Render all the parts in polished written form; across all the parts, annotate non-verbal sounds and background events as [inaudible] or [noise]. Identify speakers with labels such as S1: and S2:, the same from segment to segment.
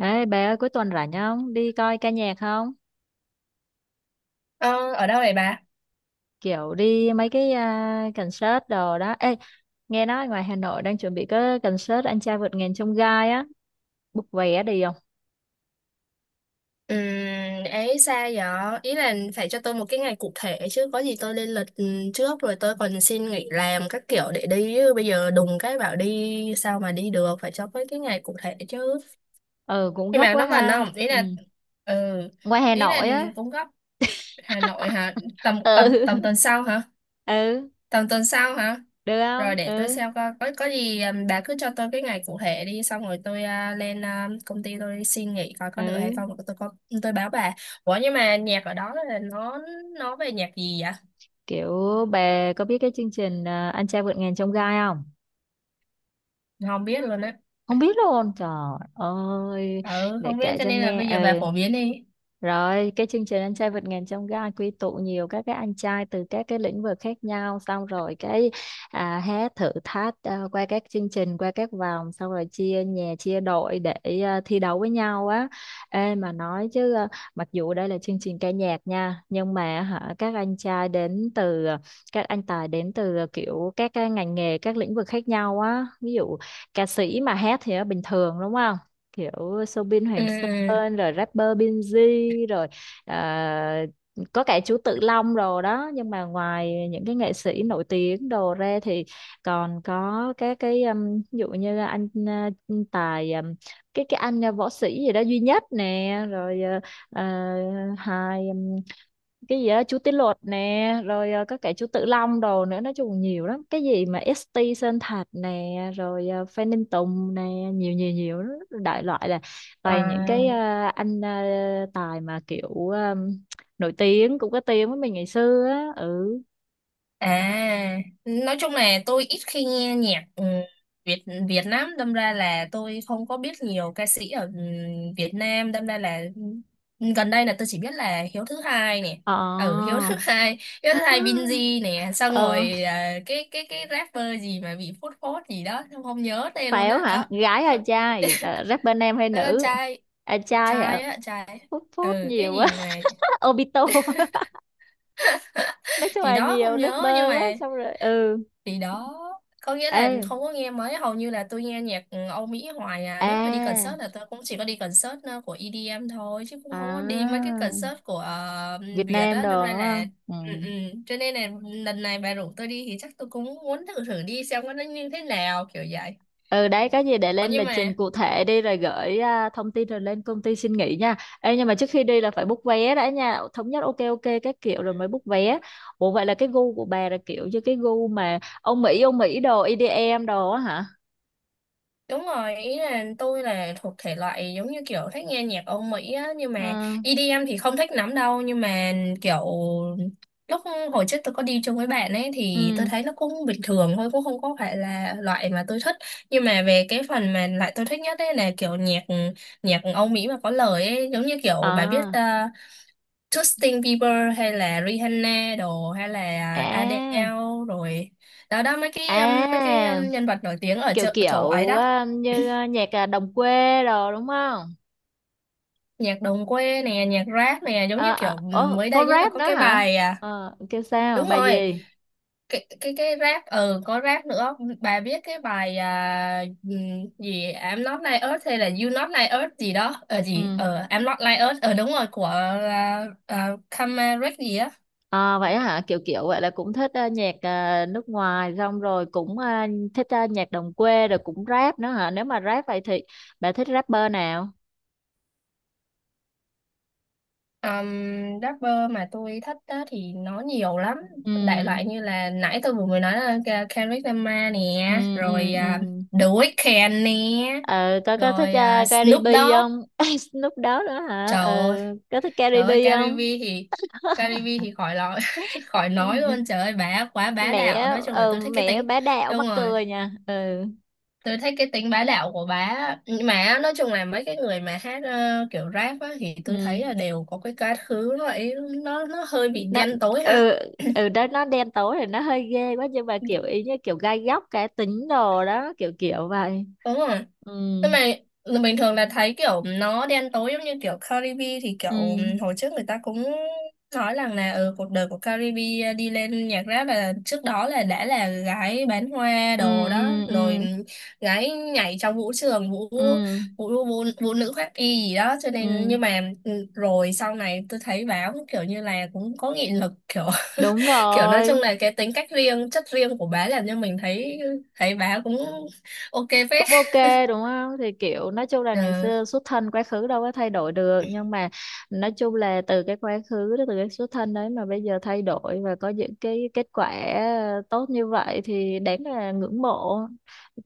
S1: Đấy, bé ơi cuối tuần rảnh không? Đi coi ca nhạc không?
S2: Ờ, ở đâu vậy bà?
S1: Kiểu đi mấy cái concert đồ đó. Ê, nghe nói ngoài Hà Nội đang chuẩn bị cái concert Anh trai vượt ngàn chông gai á. Book vé đi không?
S2: Ừ, ấy xa vậy? Ý là phải cho tôi một cái ngày cụ thể chứ, có gì tôi lên lịch trước rồi tôi còn xin nghỉ làm các kiểu để đi chứ. Bây giờ đùng cái bảo đi sao mà đi được, phải cho cái ngày cụ thể chứ.
S1: Ừ, cũng
S2: Nhưng
S1: gấp
S2: mà
S1: quá
S2: nó gần
S1: ha.
S2: không? Ý
S1: Ừ.
S2: là ừ,
S1: Ngoài Hà
S2: ý là
S1: Nội á.
S2: cũng gấp. Hà Nội hả? Tầm
S1: Ừ.
S2: tầm tầm tuần
S1: [laughs]
S2: sau hả?
S1: Ừ,
S2: Tầm tuần sau hả?
S1: được
S2: Rồi
S1: không?
S2: để tôi
S1: Ừ.
S2: xem coi có gì bà cứ cho tôi cái ngày cụ thể đi, xong rồi tôi lên công ty tôi xin nghỉ coi
S1: Ừ.
S2: có được hay không, rồi tôi có tôi báo bà. Ủa nhưng mà nhạc ở đó là nó về nhạc gì vậy?
S1: Kiểu bà có biết cái chương trình Anh trai vượt ngàn chông gai không?
S2: Không biết luôn á.
S1: Không biết luôn. Trời ơi,
S2: Ừ,
S1: để
S2: không biết
S1: kể
S2: cho
S1: cho
S2: nên là
S1: nghe.
S2: bây giờ bà
S1: Ừ.
S2: phổ biến đi.
S1: Rồi, cái chương trình Anh trai vượt ngàn chông gai quy tụ nhiều các cái anh trai từ các cái lĩnh vực khác nhau, xong rồi cái hát thử thách qua các chương trình, qua các vòng, xong rồi chia nhà, chia đội để thi đấu với nhau á. Ê mà nói chứ mặc dù đây là chương trình ca nhạc nha, nhưng mà hả các anh tài đến từ kiểu các cái ngành nghề, các lĩnh vực khác nhau á. Ví dụ ca sĩ mà hát thì nó bình thường đúng không? Kiểu Soobin
S2: Ừ,
S1: Hoàng
S2: ừ.
S1: Sơn rồi rapper Binz rồi à, có cả chú Tự Long rồi đó, nhưng mà ngoài những cái nghệ sĩ nổi tiếng đồ ra thì còn có các cái ví dụ như là anh Tài cái anh võ sĩ gì đó duy nhất nè rồi ờ, hai cái gì đó chú Tí Luật nè rồi có cả chú Tử Long đồ nữa, nói chung nhiều lắm cái gì mà ST Sơn Thạch nè rồi Phan Đình Tùng nè nhiều nhiều nhiều lắm. Đại loại là toàn những cái
S2: À.
S1: anh tài mà kiểu nổi tiếng cũng có tiếng với mình ngày xưa á. Ừ.
S2: À, nói chung là tôi ít khi nghe nhạc Việt Việt lắm, đâm ra là tôi không có biết nhiều ca sĩ ở Việt Nam, đâm ra là ừ, gần đây là tôi chỉ biết là Hiếu thứ hai nè, ừ Hiếu
S1: Ờ.
S2: thứ [laughs] hai, Hiếu thứ hai
S1: [laughs]
S2: Binz nè, xong
S1: Ờ,
S2: rồi cái rapper gì mà bị phốt phốt gì đó, không, không nhớ tên luôn
S1: Pháo
S2: á,
S1: hả,
S2: đó.
S1: gái hay trai? Ờ, rapper nam hay
S2: Ờ,
S1: nữ?
S2: trai.
S1: À, trai
S2: Trai
S1: hả?
S2: á, trai.
S1: Phút phút
S2: Ừ cái
S1: nhiều quá.
S2: gì mà
S1: [laughs] Obito. [laughs]
S2: [laughs]
S1: Nói chung
S2: thì
S1: là
S2: đó không
S1: nhiều
S2: nhớ, nhưng
S1: rapper quá,
S2: mà
S1: xong rồi ừ.
S2: thì đó có nghĩa
S1: Ê.
S2: là không có nghe mấy, hầu như là tôi nghe nhạc Âu Mỹ hoài. À nếu mà đi
S1: À,
S2: concert là tôi cũng chỉ có đi concert của EDM thôi, chứ cũng không có đi mấy cái
S1: à,
S2: concert của
S1: Việt
S2: Việt
S1: Nam
S2: á, đâm
S1: đồ
S2: ra
S1: đúng
S2: là
S1: không? Ừ.
S2: ừ, ừ. Cho nên là lần này bà rủ tôi đi thì chắc tôi cũng muốn thử thử đi xem nó như thế nào kiểu vậy.
S1: Ừ đấy, có gì để
S2: Ủa
S1: lên
S2: nhưng
S1: lịch trình
S2: mà
S1: cụ thể đi rồi gửi thông tin, rồi lên công ty xin nghỉ nha. Ê, nhưng mà trước khi đi là phải book vé đã nha, thống nhất ok ok các kiểu rồi mới book vé. Ủa vậy là cái gu của bà là kiểu như cái gu mà ông Mỹ đồ EDM đồ á hả?
S2: đúng rồi, ý là tôi là thuộc thể loại giống như kiểu thích nghe nhạc Âu Mỹ á, nhưng
S1: Ừ.
S2: mà EDM thì không thích lắm đâu, nhưng mà kiểu lúc hồi trước tôi có đi chung với bạn ấy thì tôi
S1: Ừ.
S2: thấy nó cũng bình thường thôi, cũng không có phải là loại mà tôi thích. Nhưng mà về cái phần mà lại tôi thích nhất ấy là kiểu nhạc nhạc Âu Mỹ mà có lời ấy, giống như kiểu bà biết
S1: À.
S2: Justin Bieber hay là Rihanna đồ hay là
S1: À.
S2: Adele rồi. Đó đó
S1: À.
S2: mấy cái nhân vật nổi tiếng ở
S1: Kiểu
S2: chỗ ấy
S1: kiểu
S2: đó.
S1: như nhạc đồng quê đồ đúng không?
S2: Nhạc đồng quê nè, nhạc rap nè, giống như kiểu ừ,
S1: Ồ,
S2: mới
S1: có
S2: đây nhất là
S1: rap
S2: có
S1: đó
S2: cái
S1: hả?
S2: bài à
S1: Ờ, kêu sao
S2: đúng
S1: bài
S2: rồi
S1: gì?
S2: cái rap, ừ có rap nữa, bà biết cái bài gì I'm not like Earth hay là You not like Earth gì đó ờ gì
S1: Ừ.
S2: ờ I'm not like Earth ờ đúng rồi của Kamaric gì á.
S1: Vậy hả? Kiểu kiểu vậy là cũng thích nhạc nước ngoài, xong rồi cũng thích nhạc đồng quê rồi cũng rap nữa hả? Nếu mà rap vậy thì bà thích rapper nào?
S2: um, Rapper mà tôi thích á, thì nó nhiều lắm, đại
S1: Ừ.
S2: loại như là nãy tôi vừa mới nói là Kendrick Lamar
S1: Ừ.
S2: nè, rồi
S1: Ừ. Ừ.
S2: The Weeknd nè,
S1: Ờ, có thích
S2: rồi
S1: Cardi
S2: Snoop
S1: B
S2: Dogg.
S1: không? [laughs] Snoop đó nữa hả?
S2: Trời
S1: Ờ,
S2: ơi,
S1: có thích Cardi
S2: trời
S1: B
S2: ơi Caribe
S1: không?
S2: thì,
S1: [laughs]
S2: Caribe thì khỏi nói [laughs] khỏi nói luôn, trời ơi bà quá bá
S1: Mẹ
S2: đạo, nói chung là tôi thích cái
S1: mẹ
S2: tính,
S1: bá đạo
S2: đúng
S1: mắc
S2: rồi
S1: cười nha. Ừ.
S2: tôi thích cái tính bá đạo của bà á. Nhưng mà nói chung là mấy cái người mà hát kiểu rap á, thì tôi
S1: Ừ.
S2: thấy là đều có cái quá khứ nó ấy, nó hơi bị
S1: Nó.
S2: đen tối ha,
S1: Ừ. Ừ, đó, nó đen tối thì nó hơi ghê quá, nhưng mà kiểu ý như kiểu gai góc cá tính đồ đó, kiểu kiểu vậy.
S2: đúng rồi.
S1: Ừ.
S2: Nhưng mà ừ, bình thường là thấy kiểu nó đen tối giống như kiểu Caribe thì
S1: Ừ.
S2: kiểu hồi trước người ta cũng nói rằng là ừ, cuộc đời của Caribe đi lên nhạc rap là trước đó là đã là gái bán hoa
S1: Ừ.
S2: đồ đó
S1: Ừ.
S2: rồi,
S1: Ừ.
S2: gái nhảy trong vũ trường
S1: Ừ, ừ.
S2: vũ nữ khoác y gì đó, cho nên
S1: Ừ,
S2: nhưng mà ừ, rồi sau này tôi thấy báo kiểu như là cũng có nghị lực kiểu
S1: đúng
S2: [laughs] kiểu nói chung
S1: rồi,
S2: là cái tính cách riêng chất riêng của bá làm cho mình thấy, thấy bá cũng ok
S1: cũng
S2: phết.
S1: ok đúng không? Thì kiểu nói chung là ngày
S2: Ừ,
S1: xưa xuất thân quá khứ đâu có thay đổi được, nhưng mà nói chung là từ cái quá khứ đó, từ cái xuất thân đấy mà bây giờ thay đổi và có những cái kết quả tốt như vậy thì đáng là ngưỡng mộ.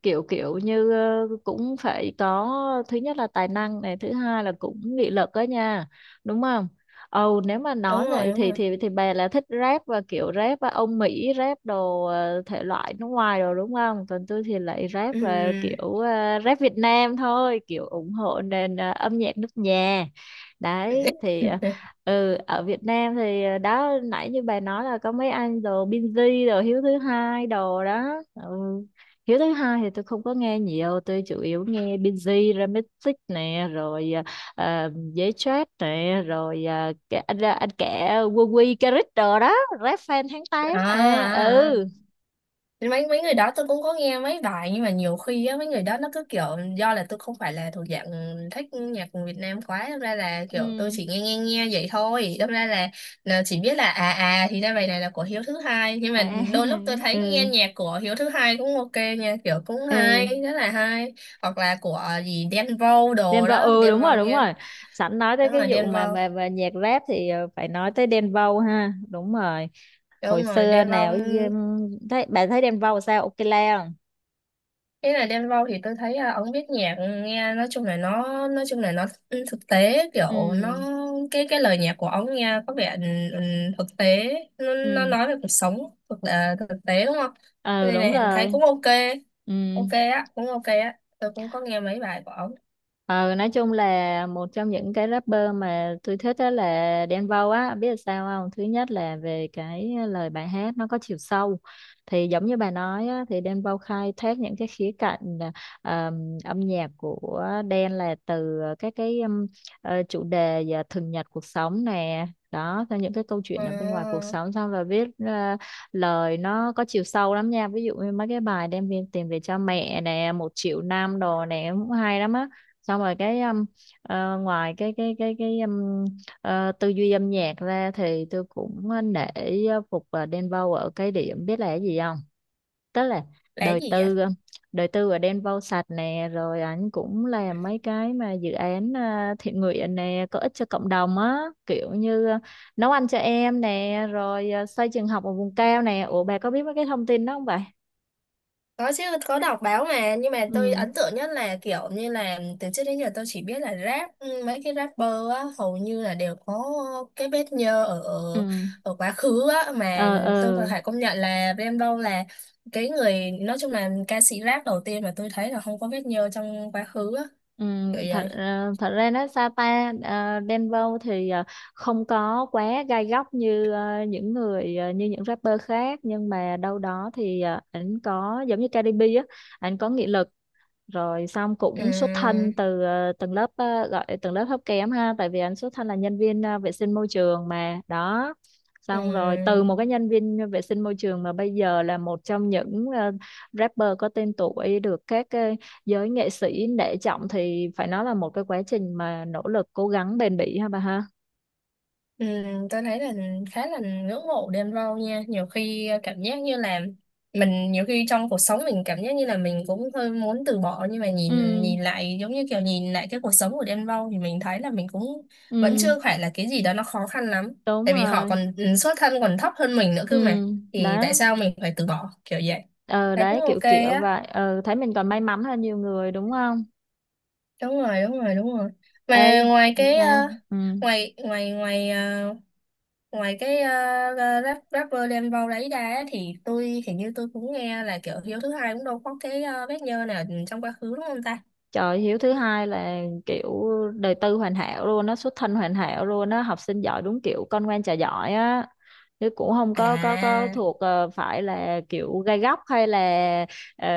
S1: Kiểu kiểu như cũng phải có, thứ nhất là tài năng này, thứ hai là cũng nghị lực đó nha, đúng không? Ồ, nếu mà
S2: đúng
S1: nói
S2: rồi
S1: vậy
S2: đúng
S1: thì
S2: rồi.
S1: bà là thích rap và kiểu rap và ông Mỹ rap đồ thể loại nước ngoài rồi đúng không? Còn tôi thì lại rap và kiểu
S2: Ừm.
S1: rap Việt Nam thôi, kiểu ủng hộ nền âm nhạc nước nhà. Đấy thì ờ,
S2: [laughs]
S1: ừ. Ở Việt Nam thì đó nãy như bà nói là có mấy anh đồ Binz đồ Hiếu thứ hai đồ đó. Ừ. Hiếu thứ hai thì tôi không có nghe nhiều, tôi chủ yếu nghe Binz, Remixix nè, rồi dễ stress nè rồi anh kể quân quy Caric đồ đó, rap fan tháng
S2: À,
S1: tám mà.
S2: à, à.
S1: Ừ.
S2: Mấy mấy người đó tôi cũng có nghe mấy bài, nhưng mà nhiều khi á mấy người đó nó cứ kiểu do là tôi không phải là thuộc dạng thích nhạc của Việt Nam quá, đâm ra là kiểu tôi
S1: Ừ.
S2: chỉ nghe nghe nghe vậy thôi, đâm ra là chỉ biết là à à thì ra bài này là của Hiếu thứ hai, nhưng mà
S1: À.
S2: đôi lúc tôi
S1: [laughs]
S2: thấy
S1: Ừ.
S2: nghe nhạc của Hiếu thứ hai cũng ok nha, kiểu cũng hay,
S1: Ừ
S2: rất là hay, hoặc là của gì Đen Vâu đồ
S1: Denver.
S2: đó,
S1: Ừ,
S2: Đen
S1: đúng rồi,
S2: Vâu
S1: đúng
S2: nghe
S1: rồi. Sẵn nói tới
S2: đúng
S1: cái
S2: rồi
S1: vụ
S2: Đen
S1: mà
S2: Vâu,
S1: mà, mà nhạc rap thì phải nói tới Denver ha, đúng rồi. Hồi
S2: đúng rồi
S1: xưa
S2: Đen Vâu.
S1: nào thấy Denver sao, ok la không?
S2: Ý là Đen Vâu thì tôi thấy là ông viết nhạc nghe nói chung là nó, nói chung là nó thực tế, kiểu nó
S1: Ừ.
S2: cái lời nhạc của ông nghe có vẻ ừ, ừ, thực tế, nó
S1: Ừ.
S2: nói về cuộc sống thực, là thực tế đúng không? Cho
S1: Ờ
S2: nên
S1: đúng
S2: này thấy
S1: rồi.
S2: cũng ok,
S1: Ừ.
S2: ok á, cũng ok á, tôi cũng có nghe mấy bài của ông.
S1: Ờ, nói chung là một trong những cái rapper mà tôi thích đó là Đen Vâu á, biết là sao không? Thứ nhất là về cái lời bài hát nó có chiều sâu. Thì giống như bà nói á, thì Đen Vâu khai thác những cái khía cạnh âm nhạc của Đen là từ các cái chủ đề và thường nhật cuộc sống nè. Đó, theo những cái câu
S2: Ờ,
S1: chuyện ở bên ngoài cuộc
S2: là
S1: sống, xong rồi viết lời nó có chiều sâu lắm nha. Ví dụ như mấy cái bài đem viên tiền về cho mẹ nè, một triệu năm đồ nè cũng hay lắm á. Xong rồi cái ngoài cái tư duy âm nhạc ra thì tôi cũng nể phục Đen Vâu ở cái điểm, biết là cái gì không? Tức là
S2: cái
S1: đời
S2: gì vậy?
S1: tư đời tư ở Đen Vâu sạch nè, rồi ảnh cũng làm mấy cái mà dự án thiện nguyện nè, có ích cho cộng đồng á, kiểu như nấu ăn cho em nè, rồi xây trường học ở vùng cao nè. Ủa bà có biết mấy cái thông tin đó không vậy?
S2: Có chứ, có đọc báo mà, nhưng mà tôi
S1: Ừ.
S2: ấn tượng nhất là kiểu như là từ trước đến giờ tôi chỉ biết là rap, ừ, mấy cái rapper á, hầu như là đều có cái vết nhơ ở ở
S1: Ừ.
S2: ở quá khứ á, mà
S1: Ờ.
S2: tôi còn
S1: Ờ.
S2: phải công nhận là Rainbow là cái người, nói chung là ca sĩ rap đầu tiên mà tôi thấy là không có vết nhơ trong quá khứ á,
S1: Ừ,
S2: kiểu
S1: thật
S2: vậy.
S1: thật ra nó Sapa Denver thì không có quá gai góc như những người như những rapper khác, nhưng mà đâu đó thì ảnh có giống như Cardi B á, ảnh có nghị lực, rồi xong
S2: Ừ,
S1: cũng xuất thân từ tầng lớp gọi tầng lớp thấp kém ha, tại vì anh xuất thân là nhân viên vệ sinh môi trường mà đó.
S2: ừ.
S1: Xong rồi từ một cái nhân viên vệ sinh môi trường mà bây giờ là một trong những rapper có tên tuổi, được các giới nghệ sĩ nể trọng thì phải nói là một cái quá trình mà nỗ lực cố gắng bền bỉ ha bà ha.
S2: Ừ, tôi thấy là khá là ngưỡng mộ Đen Vâu nha, nhiều khi cảm giác như là mình nhiều khi trong cuộc sống mình cảm giác như là mình cũng hơi muốn từ bỏ, nhưng mà nhìn
S1: Ừ.
S2: nhìn lại giống như kiểu nhìn lại cái cuộc sống của Đen Vâu thì mình thấy là mình cũng vẫn
S1: Ừ,
S2: chưa phải là cái gì đó nó khó khăn lắm,
S1: đúng
S2: tại vì họ
S1: rồi.
S2: còn ừ, xuất thân còn thấp hơn mình nữa
S1: Ừ,
S2: cơ mà, thì tại
S1: đó.
S2: sao mình phải từ bỏ kiểu vậy.
S1: Ờ
S2: Thấy cũng
S1: đấy, kiểu
S2: ok
S1: kiểu
S2: á,
S1: vậy, ờ thấy mình còn may mắn hơn nhiều người đúng không?
S2: đúng rồi đúng rồi đúng rồi.
S1: Ê,
S2: Mà ngoài cái ờ,
S1: sao? Ừ.
S2: ngoài ngoài ngoài ờ, ngoài cái rap, rapper đem Vâu đấy ra á, thì tôi hình như tôi cũng nghe là kiểu Hiếu thứ hai cũng đâu có cái bác nhơ nào trong quá khứ đúng không ta.
S1: Trời, Hiếu thứ hai là kiểu đời tư hoàn hảo luôn á, xuất thân hoàn hảo luôn á, học sinh giỏi đúng kiểu con ngoan trò giỏi á. Chứ cũng không có
S2: À,
S1: thuộc phải là kiểu gai góc hay là ờ,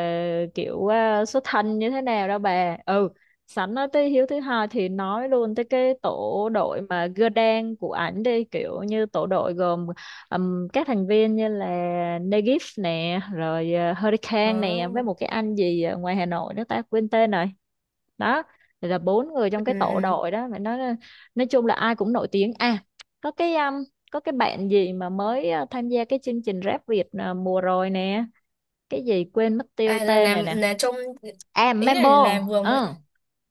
S1: kiểu xuất thân như thế nào đâu bà. Ừ, sẵn nói tới Hiếu thứ hai thì nói luôn tới cái tổ đội mà gơ đen của ảnh đi, kiểu như tổ đội gồm các thành viên như là Negif nè, rồi Hurricane nè, với
S2: ừ.
S1: một cái anh gì ở ngoài Hà Nội nữa ta quên tên rồi. Đó thì là bốn người trong
S2: Ừ,
S1: cái
S2: ừ.
S1: tổ đội đó mà nói chung là ai cũng nổi tiếng à. Có cái có cái bạn gì mà mới tham gia cái chương trình Rap Việt mùa rồi nè, cái gì quên mất tiêu
S2: À là
S1: tên
S2: làm
S1: này nè.
S2: là trong,
S1: À,
S2: ý
S1: Mambo.
S2: là vừa mới
S1: Ừ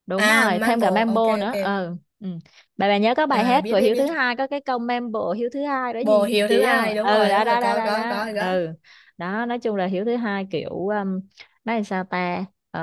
S1: đúng
S2: à
S1: rồi, thêm cả
S2: Mambo, ok
S1: mambo nữa,
S2: ok,
S1: ờ. Ừ. bà nhớ có bài
S2: à
S1: hát
S2: biết
S1: của
S2: biết
S1: Hiếu thứ
S2: biết
S1: hai có cái câu mambo Hiếu thứ hai đó
S2: bồ
S1: gì
S2: Hiếu thứ
S1: chị không?
S2: hai
S1: Ừ đó
S2: đúng rồi
S1: đó đó đó đó.
S2: có rồi đó.
S1: Ừ, đó nói chung là Hiếu thứ hai kiểu nói làm sao ta? Ờ,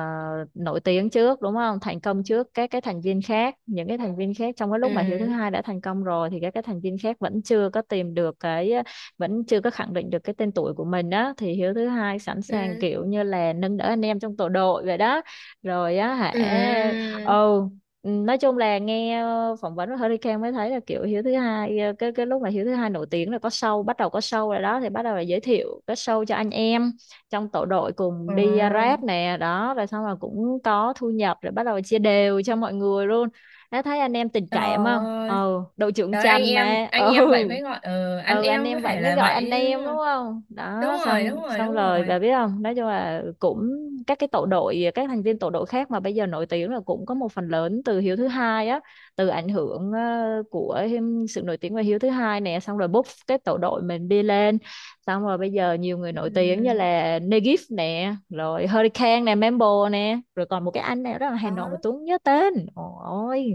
S1: nổi tiếng trước đúng không? Thành công trước các cái thành viên khác, những cái thành viên khác trong cái lúc mà Hiếu thứ
S2: Ừ,
S1: hai đã thành công rồi thì các cái thành viên khác vẫn chưa có khẳng định được cái tên tuổi của mình. Đó thì Hiếu thứ hai sẵn sàng
S2: ừ,
S1: kiểu như là nâng đỡ anh em trong tổ đội vậy đó, rồi á hả.
S2: ừ,
S1: Ừ. Ừ, nói chung là nghe phỏng vấn của Hurricane mới thấy là kiểu Hiếu thứ hai cái lúc mà Hiếu thứ hai nổi tiếng là có show, bắt đầu có show rồi đó thì bắt đầu là giới thiệu cái show cho anh em trong tổ đội cùng
S2: ừ.
S1: đi rap nè đó, rồi xong rồi cũng có thu nhập rồi bắt đầu chia đều cho mọi người luôn. Đã thấy anh em tình
S2: Trời
S1: cảm không,
S2: ơi.
S1: ừ đội trưởng
S2: Trời anh
S1: Chanh
S2: em,
S1: mà.
S2: anh
S1: Ừ.
S2: em vậy mới gọi ừ, anh
S1: Ừ, anh
S2: em có
S1: em vậy
S2: thể
S1: mới
S2: là
S1: gọi
S2: vậy
S1: anh
S2: chứ.
S1: em đúng không?
S2: Đúng
S1: Đó,
S2: rồi đúng
S1: xong
S2: rồi
S1: xong
S2: đúng
S1: rồi
S2: rồi.
S1: bà biết không, nói chung là cũng các cái tổ đội, các thành viên tổ đội khác mà bây giờ nổi tiếng là cũng có một phần lớn từ Hiếu thứ hai á, từ ảnh hưởng của sự nổi tiếng của Hiếu thứ hai nè, xong rồi bốc cái tổ đội mình đi lên, xong rồi bây giờ nhiều người nổi tiếng như
S2: Ừ.
S1: là Negif nè, rồi Hurricane nè, Mambo nè, rồi còn một cái anh này rất là Hà Nội mà
S2: Đó
S1: Tuấn không nhớ tên ôi,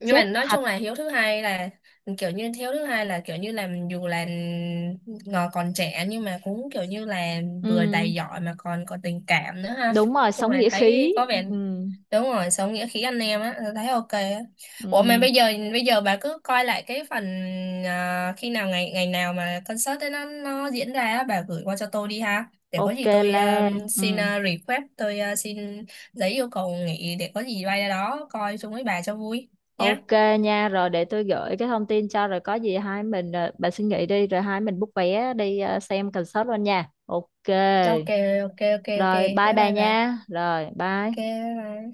S2: nhưng mà
S1: chết
S2: nói
S1: thật.
S2: chung là hiếu thứ hai là kiểu như hiếu thứ hai là kiểu như là dù là ngò còn trẻ nhưng mà cũng kiểu như là vừa đầy
S1: Ừ,
S2: giỏi mà còn có tình cảm nữa ha,
S1: đúng rồi,
S2: chung
S1: sống
S2: là
S1: nghĩa khí.
S2: thấy có vẻ
S1: Ừ.
S2: đúng rồi sống nghĩa khí anh em á, tôi thấy ok á. Ủa mà
S1: Ừ,
S2: bây giờ, bây giờ bà cứ coi lại cái phần khi nào ngày ngày nào mà concert ấy nó diễn ra á, bà gửi qua cho tôi đi ha, để có
S1: ok
S2: gì tôi
S1: La.
S2: xin
S1: Ừ,
S2: request tôi xin giấy yêu cầu nghỉ, để có gì bay ra đó coi chung với bà cho vui nha.
S1: ok nha. Rồi để tôi gửi cái thông tin cho, rồi có gì hai mình bà suy nghĩ đi rồi hai mình book vé đi xem concert luôn nha. Ok
S2: Ok, ok, ok, ok.
S1: rồi, bye
S2: Bye
S1: bà
S2: bye bà.
S1: nha, rồi bye.
S2: Ok, bye bye.